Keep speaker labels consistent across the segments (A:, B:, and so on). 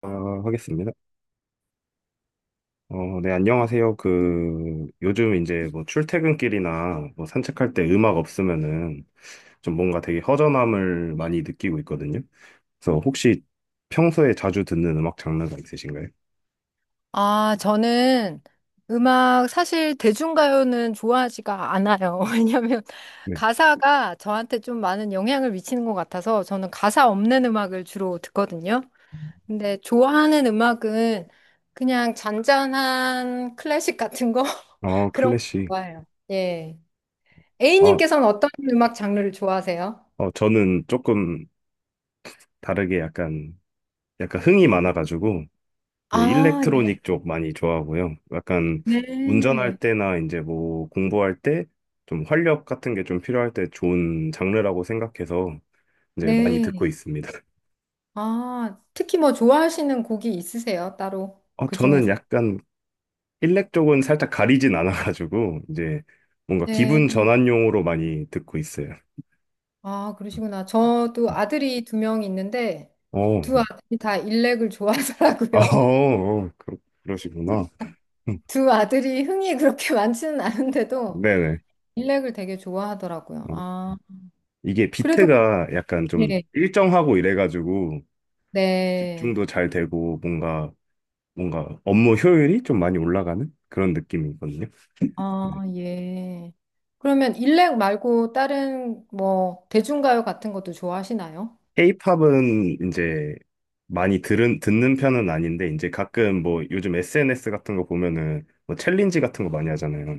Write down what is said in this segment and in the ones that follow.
A: 아, 하겠습니다. 네, 안녕하세요. 요즘 이제 뭐 출퇴근길이나 뭐 산책할 때 음악 없으면은 좀 뭔가 되게 허전함을 많이 느끼고 있거든요. 그래서 혹시 평소에 자주 듣는 음악 장르가 있으신가요?
B: 아, 저는 음악, 사실 대중가요는 좋아하지가 않아요. 왜냐면
A: 네.
B: 가사가 저한테 좀 많은 영향을 미치는 것 같아서 저는 가사 없는 음악을 주로 듣거든요. 근데 좋아하는 음악은 그냥 잔잔한 클래식 같은 거?
A: 어,
B: 그런 거
A: 클래식.
B: 좋아해요. 예.
A: 아,
B: A님께서는 어떤 음악 장르를 좋아하세요?
A: 저는 조금 다르게 약간 흥이 많아가지고 이제
B: 아, 예.
A: 일렉트로닉 쪽 많이 좋아하고요. 약간
B: 네.
A: 운전할 때나 이제 뭐 공부할 때 좀 활력 같은 게 좀 필요할 때 좋은 장르라고 생각해서 이제 많이 듣고
B: 네.
A: 있습니다.
B: 아, 특히 뭐 좋아하시는 곡이 있으세요? 따로 그
A: 저는
B: 중에서?
A: 약간 일렉 쪽은 살짝 가리진 않아가지고 이제 뭔가 기분
B: 네.
A: 전환용으로 많이 듣고 있어요.
B: 아, 그러시구나. 저도 아들이 두 명 있는데
A: 어,
B: 두 아들이 다 일렉을
A: 아,
B: 좋아하더라고요.
A: 어, 그러시구나.
B: 두 아들이 흥이 그렇게 많지는 않은데도
A: 네네.
B: 일렉을 되게 좋아하더라고요.
A: 어,
B: 아,
A: 이게
B: 그래도
A: 비트가 약간 좀
B: 예.
A: 일정하고 이래가지고
B: 네.
A: 집중도 잘 되고 뭔가 업무 효율이 좀 많이 올라가는 그런 느낌이거든요. 네.
B: 아, 예. 그러면 일렉 말고 다른 뭐 대중가요 같은 것도 좋아하시나요?
A: K-팝은 이제 듣는 편은 아닌데, 이제 가끔 뭐 요즘 SNS 같은 거 보면은 뭐 챌린지 같은 거 많이 하잖아요.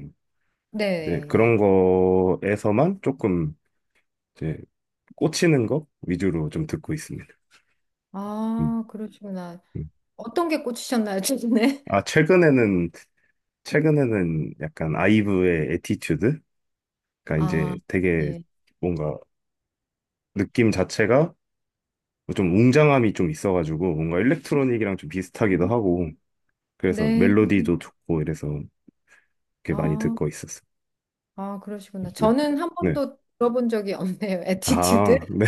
B: 네,
A: 이제
B: 예.
A: 그런 거에서만 조금 이제 꽂히는 거 위주로 좀 듣고 있습니다. 음,
B: 아, 그러시구나.
A: 음.
B: 어떤 게 꽂히셨나요, 최근에?
A: 아, 최근에는, 최근에는 약간 아이브의 에티튜드? 그러니까
B: 아,
A: 이제 되게
B: 예.
A: 뭔가 느낌 자체가 좀 웅장함이 좀 있어가지고 뭔가 일렉트로닉이랑 좀 비슷하기도 하고 그래서
B: 네.
A: 멜로디도 좋고 이래서 이렇게 많이
B: 아.
A: 듣고 있었어요.
B: 아, 그러시구나.
A: 네.
B: 저는 한
A: 네.
B: 번도 들어본 적이 없네요. 에티튜드
A: 아, 네.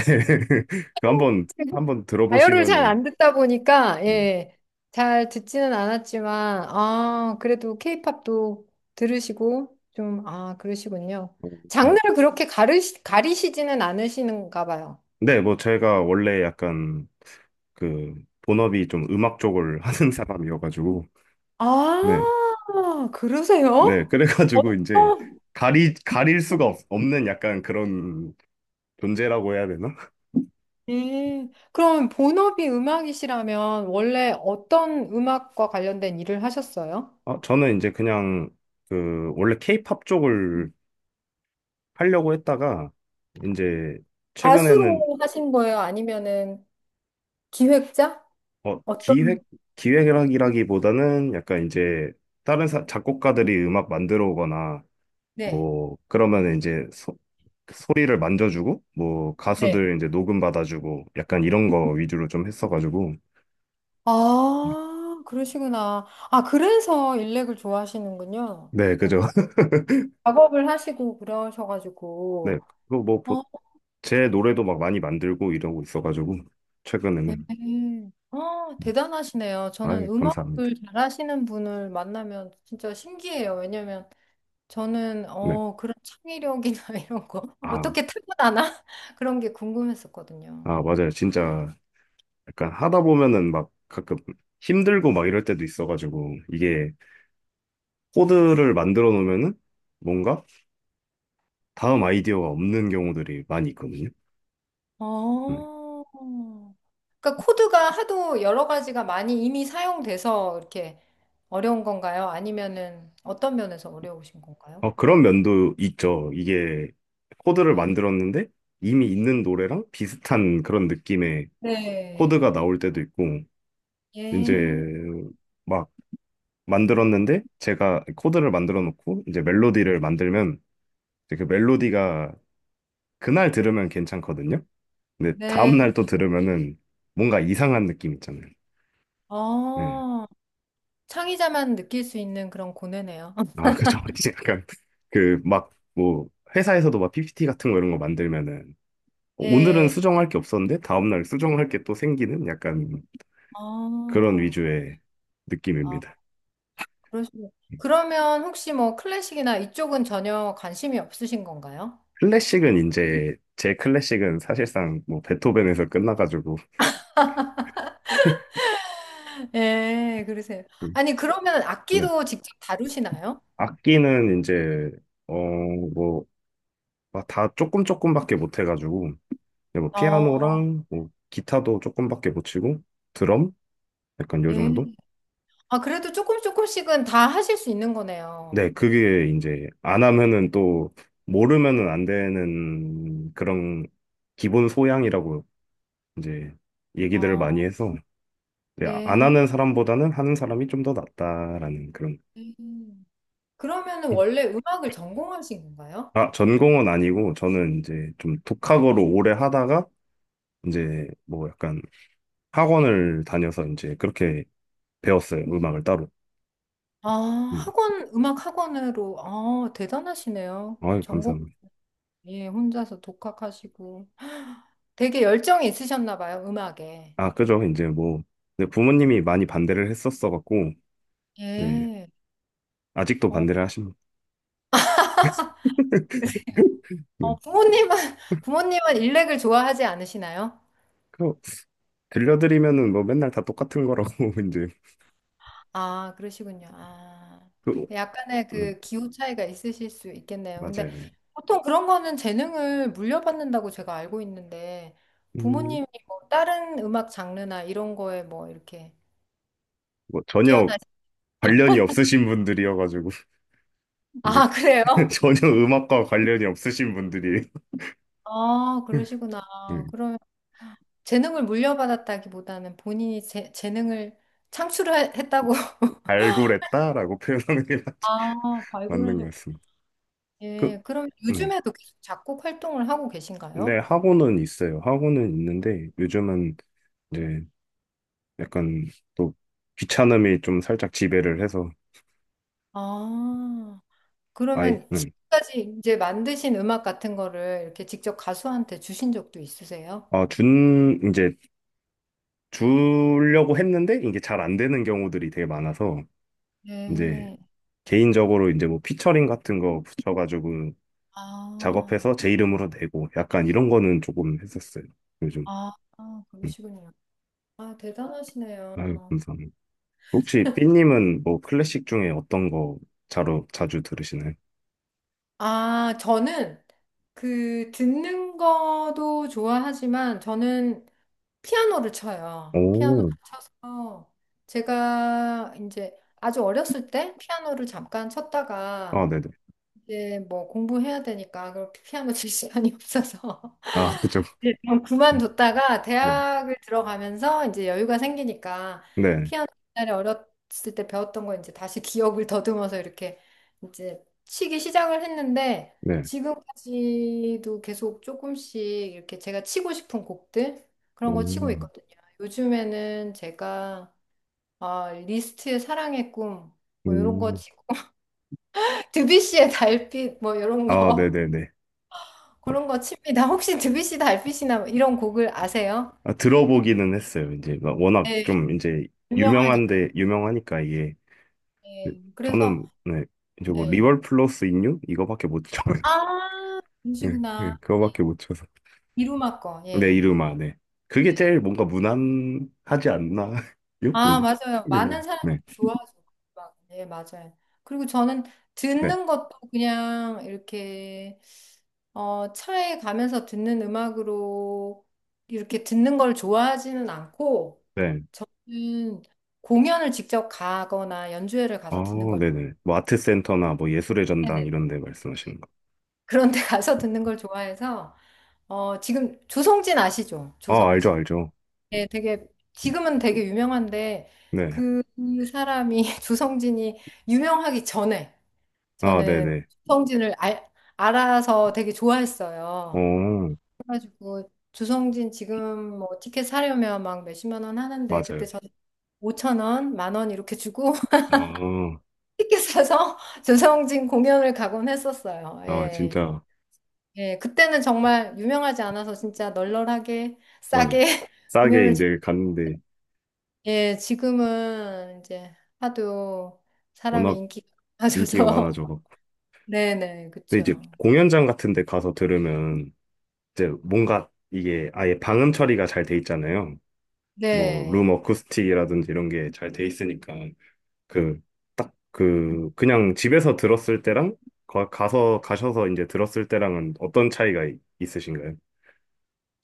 A: 그 한번
B: 가요를 잘
A: 들어보시면은
B: 안 듣다 보니까,
A: 네.
B: 예, 잘 듣지는 않았지만, 아, 그래도 케이팝도 들으시고, 좀, 아, 그러시군요.
A: 음.
B: 장르를 그렇게 가리시지는 않으시는가 봐요.
A: 네, 뭐 제가 원래 약간 그 본업이 좀 음악 쪽을 하는 사람이어가지고
B: 아,
A: 네. 네.
B: 그러세요?
A: 그래가지고 이제
B: 어떤,
A: 가리 가릴 수가 없는 약간 그런 존재라고 해야 되나?
B: 예. 그럼 본업이 음악이시라면 원래 어떤 음악과 관련된 일을 하셨어요?
A: 저는 이제 그냥 그 원래 케이팝 쪽을 하려고 했다가 이제 최근에는
B: 가수로 하신 거예요? 아니면은 기획자?
A: 어,
B: 어떤,
A: 기획 기획이라기보다는 약간 이제 다른 작곡가들이 음악 만들어 오거나
B: 네,
A: 뭐 그러면 이제 소리를 만져주고 뭐
B: 네.
A: 가수들 이제 녹음 받아주고 약간 이런 거 위주로 좀 했어가지고
B: 아, 그러시구나. 아, 그래서 일렉을 좋아하시는군요.
A: 네
B: 이렇게
A: 그죠.
B: 작업을 하시고
A: 네,
B: 그러셔가지고.
A: 그거
B: 어,
A: 뭐제 노래도 막 많이 만들고 이러고 있어가지고
B: 네.
A: 최근에는
B: 아, 대단하시네요. 저는
A: 아이 감사합니다.
B: 음악을 잘하시는 분을 만나면 진짜 신기해요. 왜냐면 저는,
A: 네.
B: 어, 그런 창의력이나 이런 거
A: 아
B: 어떻게 타고나나? 그런 게 궁금했었거든요.
A: 아, 맞아요. 진짜 약간 하다 보면은 막 가끔 힘들고 막 이럴 때도 있어가지고 이게 코드를 만들어 놓으면은 뭔가 다음 아이디어가 없는 경우들이 많이 있거든요. 네.
B: 어. 그러니까 코드가 하도 여러 가지가 많이 이미 사용돼서 이렇게 어려운 건가요? 아니면은 어떤 면에서 어려우신 건가요?
A: 어, 그런 면도 있죠. 이게 코드를
B: 네.
A: 만들었는데 이미 있는 노래랑 비슷한 그런 느낌의 코드가
B: 네.
A: 나올 때도 있고 이제
B: 예.
A: 막 만들었는데 제가 코드를 만들어 놓고 이제 멜로디를 만들면 이제 그 멜로디가 그날 들으면 괜찮거든요. 근데
B: 네.
A: 다음날 또 들으면은 뭔가 이상한 느낌 있잖아요. 예.
B: 어. 창의자만 느낄 수 있는 그런 고뇌네요.
A: 아, 그죠. 이제 약간 그 막 뭐 회사에서도 막 PPT 같은 거 이런 거 만들면은 오늘은
B: 예.
A: 수정할 게 없었는데 다음날 수정할 게 또 생기는 약간 그런
B: 어.
A: 위주의
B: 아,
A: 느낌입니다.
B: 그러시면 그러면 혹시 뭐 클래식이나 이쪽은 전혀 관심이 없으신 건가요?
A: 클래식은 이제 제 클래식은 사실상 뭐 베토벤에서 끝나가지고
B: 예, 그러세요. 아니, 그러면
A: 네.
B: 악기도 직접 다루시나요?
A: 악기는 이제 어 뭐 다 조금밖에 못 해가지고 그냥 뭐
B: 어.
A: 피아노랑 뭐 기타도 조금밖에 못 치고 드럼 약간 요 정도?
B: 네. 아, 그래도 조금 조금씩은 다 하실 수 있는 거네요.
A: 네, 그게 이제 안 하면은 또 모르면은 안 되는 그런 기본 소양이라고 이제 얘기들을
B: 아,
A: 많이 해서 네, 안
B: 네.
A: 하는 사람보다는 하는 사람이 좀 더 낫다라는 그런
B: 음. 그러면은 원래 음악을 전공하신 건가요?
A: 아, 전공은 아니고 저는 이제 좀 독학으로 오래 하다가 이제 뭐 약간 학원을 다녀서 이제 그렇게 배웠어요. 음악을 따로.
B: 아,
A: 네.
B: 학원, 음악 학원으로, 아, 대단하시네요.
A: 아유,
B: 전공,
A: 감사합니다.
B: 예, 혼자서 독학하시고. 되게 열정이 있으셨나 봐요, 음악에.
A: 아, 그죠. 이제 뭐, 근데 부모님이 많이 반대를 했었어갖고, 네,
B: 예.
A: 아직도
B: 어,
A: 반대를 하십니다. 네.
B: 어, 부모님은, 부모님은 일렉을 좋아하지 않으시나요?
A: 그, 들려드리면은 뭐 맨날 다 똑같은 거라고, 이제.
B: 아, 그러시군요. 아,
A: 그,
B: 약간의
A: 네,
B: 그 기호 차이가 있으실 수 있겠네요. 근데
A: 맞아요. 네.
B: 보통 그런 거는 재능을 물려받는다고 제가 알고 있는데
A: 음,
B: 부모님이 뭐 다른 음악 장르나 이런 거에 뭐 이렇게
A: 뭐
B: 뛰어
A: 전혀
B: 나신
A: 관련이 없으신 분들이어가지고, 이제
B: 아,
A: 그-
B: 그래요?
A: 전혀 음악과 관련이 없으신 분들이
B: 아, 그러시구나.
A: 네,
B: 그럼 재능을 물려받았다기보다는 본인이 재능을 창출했다고.
A: 발굴했다라고 표현하는 게
B: 아,
A: 맞는 것
B: 발굴하셨고.
A: 같습니다. 그,
B: 예, 그럼
A: 네.
B: 요즘에도 계속 작곡 활동을 하고
A: 네,
B: 계신가요?
A: 학원은 있어요. 학원은 있는데, 요즘은 이제 약간 또 귀찮음이 좀 살짝 지배를 해서
B: 아.
A: 아이
B: 그러면 지금까지 이제 만드신 음악 같은 거를 이렇게 직접 가수한테 주신 적도 있으세요?
A: 아, 준 이제 주려고 했는데 이게 잘 안 되는 경우들이 되게 많아서 이제
B: 네.
A: 개인적으로 이제 뭐 피처링 같은 거 붙여가지고
B: 아,
A: 작업해서 제 이름으로 내고 약간 이런 거는 조금 했었어요. 요즘
B: 아, 아,
A: 음.
B: 그러시군요. 아,
A: 아유
B: 대단하시네요.
A: 감사합니다. 혹시 삐님은 뭐 클래식 중에 어떤 거 자로 자주 들으시나요?
B: 아, 저는 그 듣는 거도 좋아하지만 저는 피아노를 쳐요. 피아노.
A: 오,
B: 어, 제가 이제 아주 어렸을 때 피아노를 잠깐
A: 아
B: 쳤다가
A: 네네
B: 이제 뭐 공부해야 되니까 그 피아노 칠 시간이 없어서
A: 아 그죠
B: 네, 좀
A: 음,
B: 그만뒀다가
A: 네
B: 대학을 들어가면서 이제 여유가 생기니까
A: 네,
B: 피아노 옛날에 어렸을 때 배웠던 거 이제 다시 기억을 더듬어서 이렇게 이제 치기 시작을 했는데
A: 네.
B: 지금까지도 계속 조금씩 이렇게 제가 치고 싶은 곡들 그런 거 치고
A: 오.
B: 있거든요. 요즘에는 제가 아, 리스트의 사랑의 꿈 뭐 이런 거
A: 음.
B: 치고 드뷔시의 달빛 뭐 이런
A: 아,
B: 거
A: 네네네. 어,
B: 그런 거 칩니다. 혹시 드뷔시 달빛이나 뭐 이런 곡을 아세요?
A: 아, 들어보기는 했어요. 이제 막 워낙
B: 네.
A: 좀 이제
B: 유명하니까.
A: 유명한데 유명하니까 이게 그,
B: 예. 그래서
A: 저는 네, 이제 뭐
B: 예.
A: 리월 플러스 인유 이거밖에 못 쳐요.
B: 아,
A: 네, 네,
B: 음식이구나. 예.
A: 그거밖에 못 쳐서.
B: 이루마 거.
A: 네,
B: 예.
A: 이름아. 네. 그게 제일 뭔가 무난하지 않나요?
B: 아,
A: 이제.
B: 맞아요.
A: 네네.
B: 많은
A: 네.
B: 사람들이 좋아하죠. 막, 예, 맞아요. 그리고 저는
A: 네.
B: 듣는 것도 그냥 이렇게 어, 차에 가면서 듣는 음악으로 이렇게 듣는 걸 좋아하지는 않고
A: 네.
B: 음, 공연을 직접 가거나 연주회를
A: 아,
B: 가서 듣는 걸
A: 네네. 뭐 아트센터나 뭐 예술의 전당
B: 네네.
A: 이런 데 말씀하시는 거.
B: 그런 데 가서 듣는 걸 좋아해서 어, 지금 조성진 아시죠?
A: 아,
B: 조성진.
A: 알죠.
B: 네, 되게 지금은 되게 유명한데
A: 네.
B: 그 사람이 조성진이 유명하기 전에
A: 아,
B: 저는
A: 네네.
B: 조성진을 알아서 되게 좋아했어요.
A: 어,
B: 그래가지고 조성진 지금 뭐 티켓 사려면 막 몇십만 원 하는데
A: 맞아요.
B: 그때 저는 5천 원, 10,000원 이렇게 주고
A: 아,
B: 티켓 사서 조성진 공연을 가곤 했었어요.
A: 아,
B: 예.
A: 진짜.
B: 예, 그때는 정말 유명하지 않아서 진짜 널널하게
A: 맞아요.
B: 싸게
A: 싸게
B: 공연을
A: 이제 갔는데
B: 예, 지금은 이제 하도 사람이
A: 워낙
B: 인기가
A: 인기가
B: 많아져서.
A: 많아져갖고.
B: 네네,
A: 근데 이제
B: 그쵸.
A: 공연장 같은 데 가서 들으면 이제 뭔가 이게 아예 방음 처리가 잘 돼 있잖아요. 뭐,
B: 네.
A: 룸 어쿠스틱이라든지 이런 게 잘 돼 있으니까 그, 그냥 집에서 들었을 때랑 가셔서 이제 들었을 때랑은 어떤 차이가 있으신가요?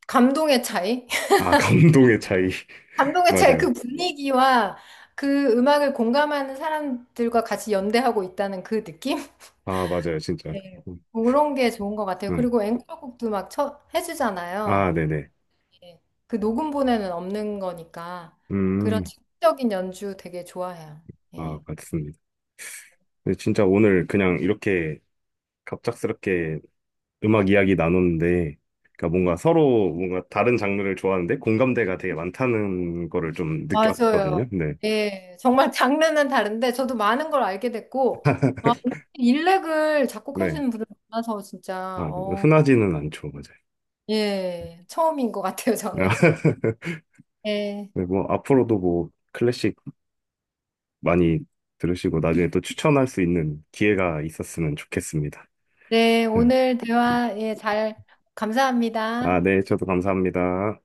B: 감동의 차이?
A: 아, 감동의 차이.
B: 감동의 차이,
A: 맞아요.
B: 그 분위기와 그 음악을 공감하는 사람들과 같이 연대하고 있다는 그 느낌?
A: 아, 맞아요. 진짜.
B: 네.
A: 음,
B: 그런 게 좋은 것 같아요.
A: 네.
B: 그리고 앵콜곡도 막
A: 아,
B: 해주잖아요.
A: 네네.
B: 예. 그 녹음본에는 없는 거니까. 그런
A: 음,
B: 즉적인 연주 되게 좋아해요.
A: 아,
B: 예.
A: 맞습니다. 근데 진짜 오늘 그냥 이렇게 갑작스럽게 음악 이야기 나눴는데, 그러니까 뭔가 서로 뭔가 다른 장르를 좋아하는데 공감대가 되게 많다는 거를 좀
B: 맞아요.
A: 느꼈거든요. 근데,
B: 예, 정말 장르는 다른데 저도 많은 걸 알게 됐고, 아, 일렉을
A: 네.
B: 작곡하시는 분을 만나서 진짜,
A: 아,
B: 어,
A: 흔하지는 않죠, 맞아요.
B: 예, 처음인 것 같아요, 저는. 예,
A: 네, 뭐, 앞으로도 뭐, 클래식 많이 들으시고 나중에 또 추천할 수 있는 기회가 있었으면 좋겠습니다.
B: 네,
A: 네.
B: 오늘 대화, 예, 잘,
A: 아,
B: 감사합니다.
A: 네. 저도 감사합니다.